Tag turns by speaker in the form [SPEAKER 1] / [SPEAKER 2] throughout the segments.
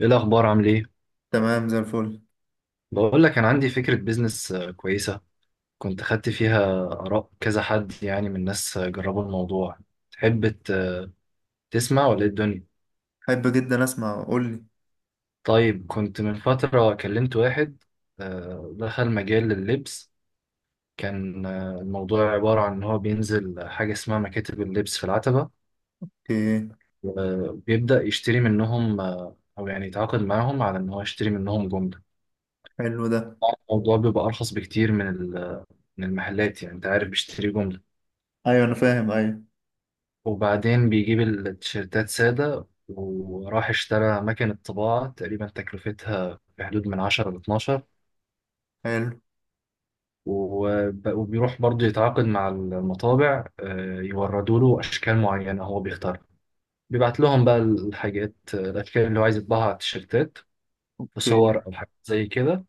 [SPEAKER 1] ايه الاخبار عامل ايه؟
[SPEAKER 2] تمام زي الفل.
[SPEAKER 1] بقول لك انا عندي فكره بيزنس كويسه. كنت خدت فيها اراء كذا حد، يعني من ناس جربوا الموضوع. تحب تسمع ولا إيه الدنيا؟
[SPEAKER 2] حب جدا اسمع، قول لي
[SPEAKER 1] طيب، كنت من فتره كلمت واحد دخل مجال اللبس. كان الموضوع عباره عن ان هو بينزل حاجه اسمها مكاتب اللبس في العتبه،
[SPEAKER 2] ايه.
[SPEAKER 1] وبيبدا يشتري منهم او يعني يتعاقد معاهم على ان هو يشتري منهم جمله.
[SPEAKER 2] حلو ده.
[SPEAKER 1] الموضوع بيبقى ارخص بكتير من من المحلات، يعني انت عارف بيشتري جمله.
[SPEAKER 2] ايوه، انا فاهم، ايوه.
[SPEAKER 1] وبعدين بيجيب التيشيرتات سادة، وراح اشترى مكنة طباعة تقريبا تكلفتها في حدود من 10 ل 12.
[SPEAKER 2] حلو.
[SPEAKER 1] وبيروح برضه يتعاقد مع المطابع يوردوا له أشكال معينة هو بيختارها. بيبعت لهم بقى الحاجات الأشكال اللي هو عايز يطبعها على التيشيرتات، في
[SPEAKER 2] اوكي.
[SPEAKER 1] صور أو حاجات زي كده.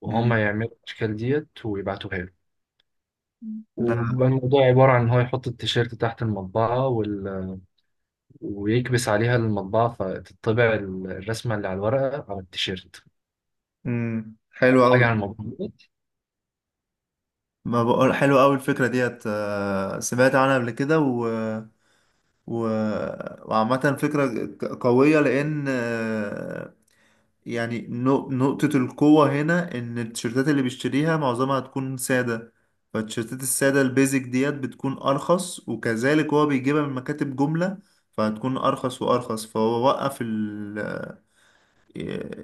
[SPEAKER 1] وهم
[SPEAKER 2] امم.
[SPEAKER 1] يعملوا الأشكال ديت ويبعتوها له.
[SPEAKER 2] ده.
[SPEAKER 1] وبيبقى الموضوع عبارة عن إن هو يحط التيشيرت تحت المطبعة وال، ويكبس عليها المطبعة فتطبع الرسمة اللي على الورقة على التيشيرت.
[SPEAKER 2] امم، حلو قوي.
[SPEAKER 1] حاجة عن الموضوع دوت.
[SPEAKER 2] ما بقول حلو قوي الفكره ديت، سمعت عنها قبل كده و و وعامه فكره قويه، لان يعني نقطة القوة هنا إن التيشيرتات اللي بيشتريها معظمها هتكون سادة. فالتيشيرتات السادة البيزك ديت بتكون أرخص، وكذلك هو بيجيبها من مكاتب جملة، فهتكون أرخص وأرخص. فهو وقف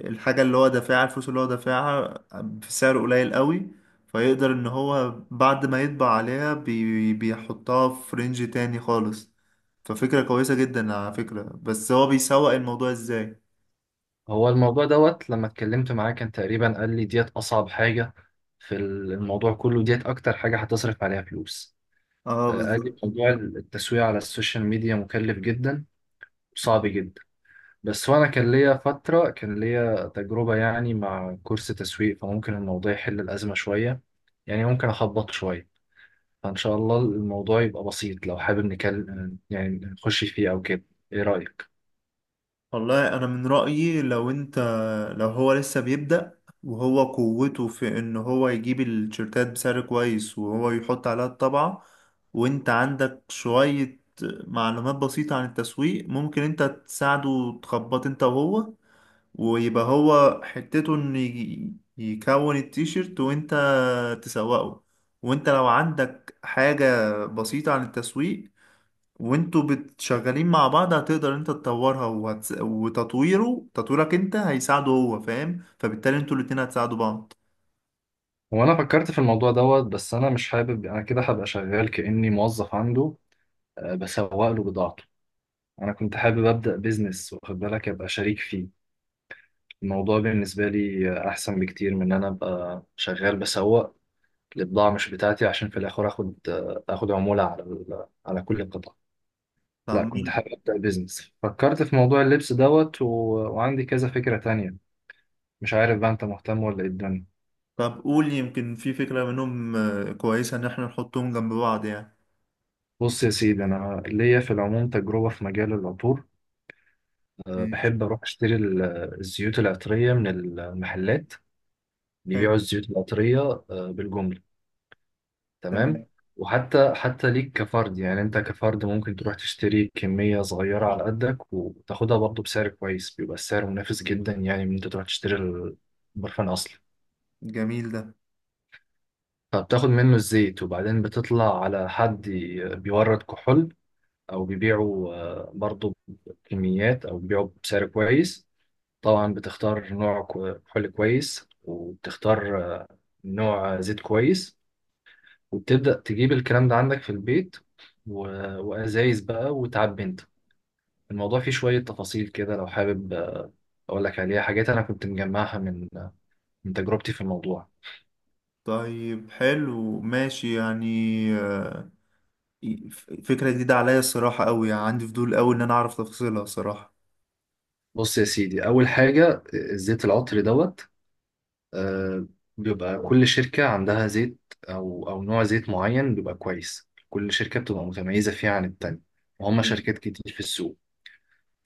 [SPEAKER 2] الحاجة اللي هو دافعها، الفلوس اللي هو دافعها بسعر قليل قوي، فيقدر إن هو بعد ما يطبع عليها بيحطها في رينج تاني خالص. ففكرة كويسة جدا على فكرة، بس هو بيسوق الموضوع إزاي؟
[SPEAKER 1] هو الموضوع دوت لما اتكلمت معاه كان تقريبا قال لي ديت أصعب حاجة في الموضوع كله، ديت أكتر حاجة هتصرف عليها فلوس.
[SPEAKER 2] اه،
[SPEAKER 1] قال لي
[SPEAKER 2] بالظبط.
[SPEAKER 1] موضوع التسويق على السوشيال ميديا مكلف جدا وصعب جدا. بس وأنا كان ليا فترة، كان ليا تجربة يعني مع كورس تسويق، فممكن الموضوع يحل الأزمة شوية، يعني ممكن أخبط شوية. فإن شاء الله الموضوع يبقى بسيط. لو حابب نكلم يعني نخش فيه أو كده. إيه رأيك؟
[SPEAKER 2] والله انا من رأيي لو انت، لو هو لسه بيبدأ وهو قوته في ان هو يجيب التيشيرتات بسعر كويس وهو يحط عليها الطبعة، وانت عندك شوية معلومات بسيطة عن التسويق، ممكن انت تساعده وتخبط انت وهو، ويبقى هو حتته ان يكون التيشيرت وانت تسوقه. وانت لو عندك حاجة بسيطة عن التسويق وانتوا بتشغلين مع بعض، هتقدر انت تطورها وتطويره، تطويرك انت هيساعده، هو فاهم، فبالتالي انتوا الاتنين هتساعدوا بعض.
[SPEAKER 1] هو أنا فكرت في الموضوع دوت، بس أنا مش حابب. أنا كده هبقى شغال كأني موظف عنده، بسوق له بضاعته. أنا كنت حابب أبدأ بيزنس، واخد بالك، أبقى شريك فيه. الموضوع بالنسبة لي أحسن بكتير من إن أنا أبقى شغال بسوق لبضاعة مش بتاعتي، عشان في الآخر آخد آخد عمولة على على كل قطعة.
[SPEAKER 2] طب
[SPEAKER 1] لا، كنت
[SPEAKER 2] مين-
[SPEAKER 1] حابب أبدأ بيزنس. فكرت في موضوع اللبس دوت وعندي كذا فكرة تانية. مش عارف بقى انت مهتم ولا ايه الدنيا.
[SPEAKER 2] طب قول، يمكن في فكرة منهم كويسة ان احنا نحطهم جنب بعض يعني.
[SPEAKER 1] بص يا سيدي، انا ليا في العموم تجربه في مجال العطور.
[SPEAKER 2] ماشي.
[SPEAKER 1] بحب اروح اشتري الزيوت العطريه من المحلات اللي
[SPEAKER 2] حلو.
[SPEAKER 1] بيبيعوا الزيوت العطريه بالجمله. تمام.
[SPEAKER 2] تمام.
[SPEAKER 1] وحتى ليك كفرد، يعني انت كفرد ممكن تروح تشتري كميه صغيره على قدك وتاخدها برضه بسعر كويس، بيبقى السعر منافس جدا يعني من انت تروح تشتري البرفان اصلا.
[SPEAKER 2] جميل ده.
[SPEAKER 1] فبتاخد منه الزيت، وبعدين بتطلع على حد بيورد كحول او بيبيعوا برضو بكميات او بيبيعوا بسعر كويس. طبعا بتختار نوع حلي كويس، وبتختار نوع زيت كويس، وبتبدأ تجيب الكلام ده عندك في البيت و- وأزايز بقى وتعبي انت. الموضوع فيه شوية تفاصيل كده، لو حابب أقول لك عليها حاجات أنا كنت مجمعها من من تجربتي في الموضوع.
[SPEAKER 2] طيب، حلو ماشي يعني. آه، فكرة جديدة عليا الصراحة قوي، يعني عندي فضول قوي ان انا اعرف تفاصيلها الصراحة.
[SPEAKER 1] بص يا سيدي، أول حاجة الزيت العطري دوت، آه، بيبقى كل شركة عندها زيت أو نوع زيت معين بيبقى كويس، كل شركة بتبقى متميزة فيه عن التانية. وهم
[SPEAKER 2] جميل.
[SPEAKER 1] شركات كتير في السوق.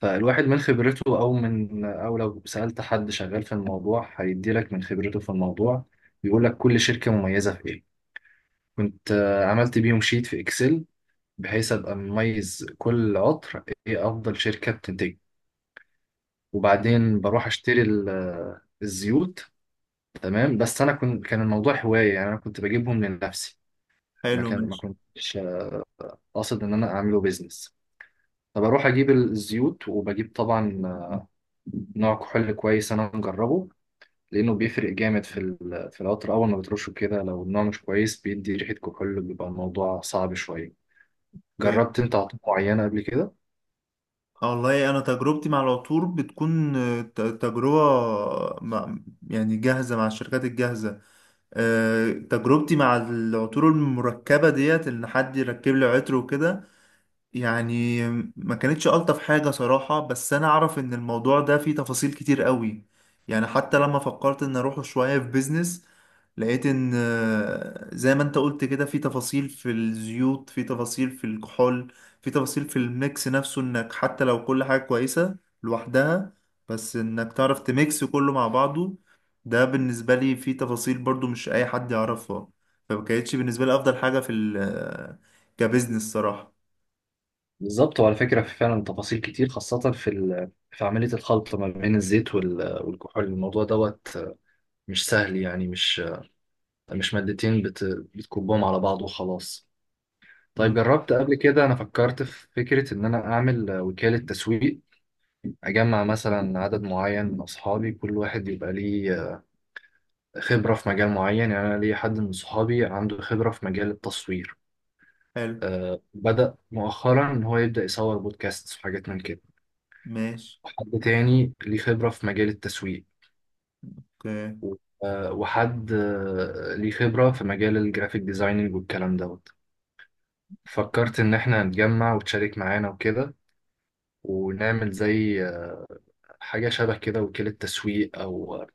[SPEAKER 1] فالواحد من خبرته، أو من، أو لو سألت حد شغال في الموضوع هيديلك من خبرته في الموضوع، بيقولك كل شركة مميزة في إيه. كنت عملت بيهم شيت في إكسل، بحيث أبقى مميز كل عطر إيه أفضل شركة بتنتج. وبعدين بروح أشتري الزيوت. تمام. بس انا كنت، كان الموضوع هوايه، يعني انا كنت بجيبهم لنفسي.
[SPEAKER 2] حلو
[SPEAKER 1] ما
[SPEAKER 2] ماشي.
[SPEAKER 1] كنتش قاصد ان انا اعمله بيزنس. فبروح اجيب الزيوت وبجيب طبعا نوع كحول كويس انا مجربه، لانه بيفرق جامد في في العطر اول ما بترشه كده. لو النوع مش كويس بيدي ريحه كحول، بيبقى الموضوع صعب شويه.
[SPEAKER 2] اوكي.
[SPEAKER 1] جربت انت عطور معينه قبل كده؟
[SPEAKER 2] آه، والله انا تجربتي مع العطور بتكون تجربه مع، يعني جاهزه مع الشركات الجاهزه. آه، تجربتي مع العطور المركبه ديت ان حد يركب لي عطر وكده يعني. ما كانتش ألطف حاجة صراحة، بس أنا أعرف إن الموضوع ده فيه تفاصيل كتير قوي. يعني حتى لما فكرت إن أروحه شوية في بيزنس، لقيت إن زي ما أنت قلت كده، في تفاصيل في الزيوت، في تفاصيل في الكحول، في تفاصيل في الميكس نفسه، إنك حتى لو كل حاجة كويسة لوحدها، بس إنك تعرف تميكس كله مع بعضه، ده بالنسبة لي فيه تفاصيل برضو مش أي حد يعرفها. فما كانتش بالنسبة لي أفضل حاجة في ال آه، كبزنس صراحة.
[SPEAKER 1] بالظبط، وعلى فكره في فعلا تفاصيل كتير، خاصه في في عمليه الخلط ما بين الزيت والكحول. الموضوع دوت مش سهل، يعني مش مش بتكبهم على بعض وخلاص. طيب جربت قبل كده؟ انا فكرت في فكرة ان انا اعمل وكالة تسويق، اجمع مثلا عدد معين من اصحابي، كل واحد يبقى ليه خبرة في مجال معين. يعني انا ليا حد من صحابي عنده خبرة في مجال التصوير،
[SPEAKER 2] حلو
[SPEAKER 1] بدأ مؤخرا ان هو يبدأ يصور بودكاست وحاجات من كده.
[SPEAKER 2] ماشي.
[SPEAKER 1] وحد تاني ليه خبرة في مجال التسويق،
[SPEAKER 2] اوكي.
[SPEAKER 1] و- وحد ليه خبرة في مجال الجرافيك ديزايننج والكلام دوت. فكرت إن إحنا نتجمع وتشارك معانا وكده، ونعمل زي حاجة شبه كده، وكيلة تسويق أو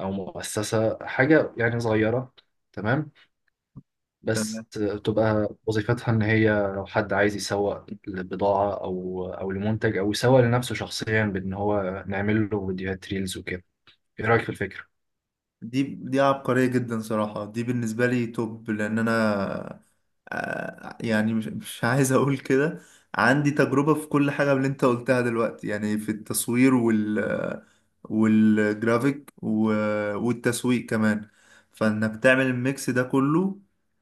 [SPEAKER 1] مؤسسة، حاجة يعني صغيرة. تمام.
[SPEAKER 2] تمام.
[SPEAKER 1] بس تبقى وظيفتها إن هي لو حد عايز يسوق لبضاعة أو لمنتج، أو يسوق لنفسه شخصيا، بإن هو نعمل له فيديوهات ريلز وكده. إيه رأيك في الفكرة؟
[SPEAKER 2] دي عبقرية جدا صراحة، دي بالنسبة لي توب، لأن أنا، يعني مش عايز أقول كده، عندي تجربة في كل حاجة من اللي أنت قلتها دلوقتي، يعني في التصوير والجرافيك والتسويق كمان. فإنك تعمل الميكس ده كله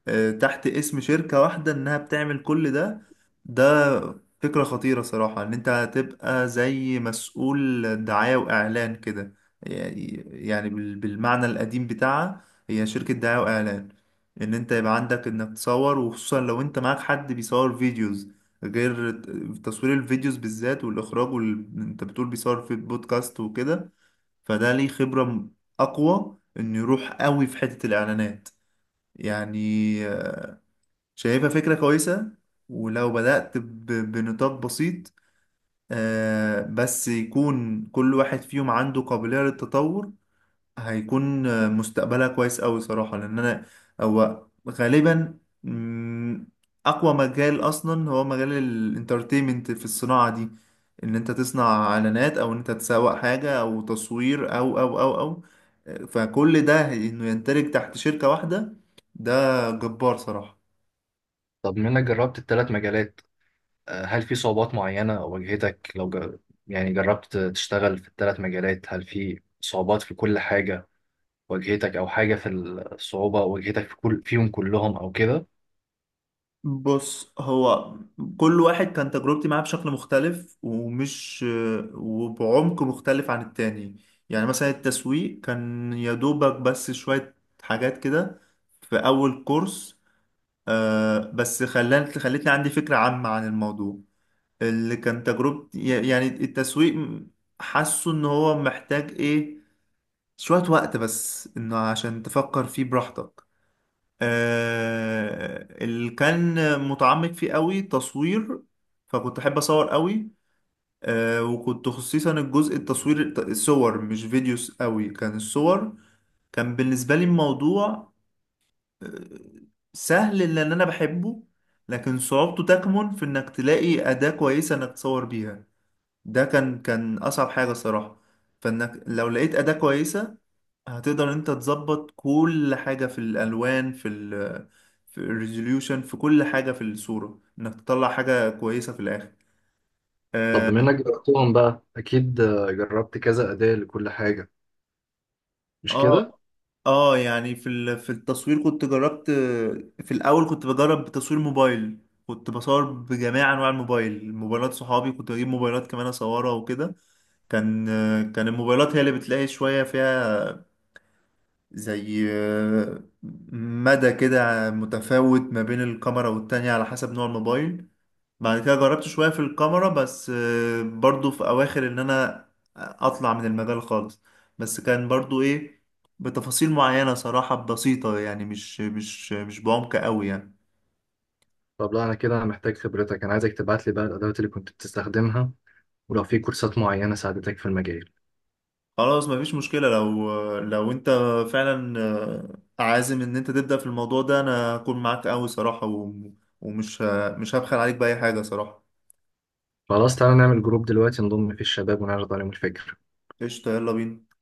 [SPEAKER 2] تحت اسم شركة واحدة إنها بتعمل كل ده. ده فكرة خطيرة صراحة، إن أنت هتبقى زي مسؤول دعاية وإعلان كده، يعني بالمعنى القديم بتاعها، هي شركة دعاية وإعلان. إن أنت يبقى عندك إنك تصور، وخصوصا لو أنت معاك حد بيصور فيديوز، غير تصوير الفيديوز بالذات والإخراج أنت بتقول بيصور في بودكاست وكده، فده ليه خبرة أقوى إنه يروح قوي في حتة الإعلانات يعني. آه، شايفها فكرة كويسة، ولو بدأت بنطاق بسيط، بس يكون كل واحد فيهم عنده قابلية للتطور، هيكون مستقبلها كويس أوي صراحة. لأن أنا، هو غالبا أقوى مجال أصلا هو مجال الانترتينمنت في الصناعة دي، إن أنت تصنع إعلانات أو إن أنت تسوق حاجة أو تصوير أو أو أو أو، فكل ده إنه يندرج تحت شركة واحدة، ده جبار صراحة.
[SPEAKER 1] طب منك جربت الثلاث مجالات، هل في صعوبات معينة واجهتك؟ لو يعني جربت تشتغل في الثلاث مجالات، هل في صعوبات في كل حاجة واجهتك، او حاجه في الصعوبه او واجهتك في كل فيهم كلهم او كده؟
[SPEAKER 2] بص، هو كل واحد كان تجربتي معاه بشكل مختلف، وبعمق مختلف عن التاني. يعني مثلا التسويق كان يا دوبك بس شوية حاجات كده في أول كورس، بس خلتني عندي فكرة عامة عن الموضوع. اللي كان تجربتي يعني التسويق، حاسه إن هو محتاج إيه، شوية وقت بس إنه عشان تفكر فيه براحتك. اللي كان متعمق فيه قوي تصوير، فكنت احب اصور قوي. وكنت خصيصا الجزء التصوير الصور مش فيديوز قوي، كان الصور، كان بالنسبة لي الموضوع آه، سهل لان انا بحبه، لكن صعوبته تكمن في انك تلاقي أداة كويسة انك تصور بيها. ده كان اصعب حاجة صراحة. فانك لو لقيت أداة كويسة، هتقدر انت تظبط كل حاجة، في الألوان، في الريزوليوشن، في كل حاجة في الصورة، انك تطلع حاجة كويسة في الآخر.
[SPEAKER 1] طب
[SPEAKER 2] اه.
[SPEAKER 1] بما انك جربتهم بقى، اكيد جربت كذا اداة لكل حاجة، مش
[SPEAKER 2] اه.
[SPEAKER 1] كده؟
[SPEAKER 2] يعني في التصوير كنت جربت. في الأول كنت بجرب بتصوير موبايل، كنت بصور بجميع أنواع الموبايل، موبايلات صحابي كنت بجيب موبايلات كمان أصورها وكده. كان كان الموبايلات هي اللي بتلاقي شوية فيها، زي مدى كده متفاوت ما بين الكاميرا والتانية على حسب نوع الموبايل. بعد كده جربت شوية في الكاميرا بس، برضو في أواخر إن أنا أطلع من المجال خالص. بس كان برضو إيه، بتفاصيل معينة صراحة بسيطة يعني مش بعمق قوي يعني.
[SPEAKER 1] طب لا، انا كده انا محتاج خبرتك. انا عايزك تبعت لي بقى الادوات اللي كنت بتستخدمها، ولو في كورسات معينة ساعدتك في المجال.
[SPEAKER 2] خلاص مفيش مشكلة، لو أنت فعلا عازم إن أنت تبدأ في الموضوع ده، أنا هكون معاك قوي صراحة ومش مش هبخل عليك بأي حاجة صراحة.
[SPEAKER 1] خلاص، تعالى نعمل جروب دلوقتي نضم فيه الشباب ونعرض عليهم الفكرة.
[SPEAKER 2] قشطة، يلا بينا.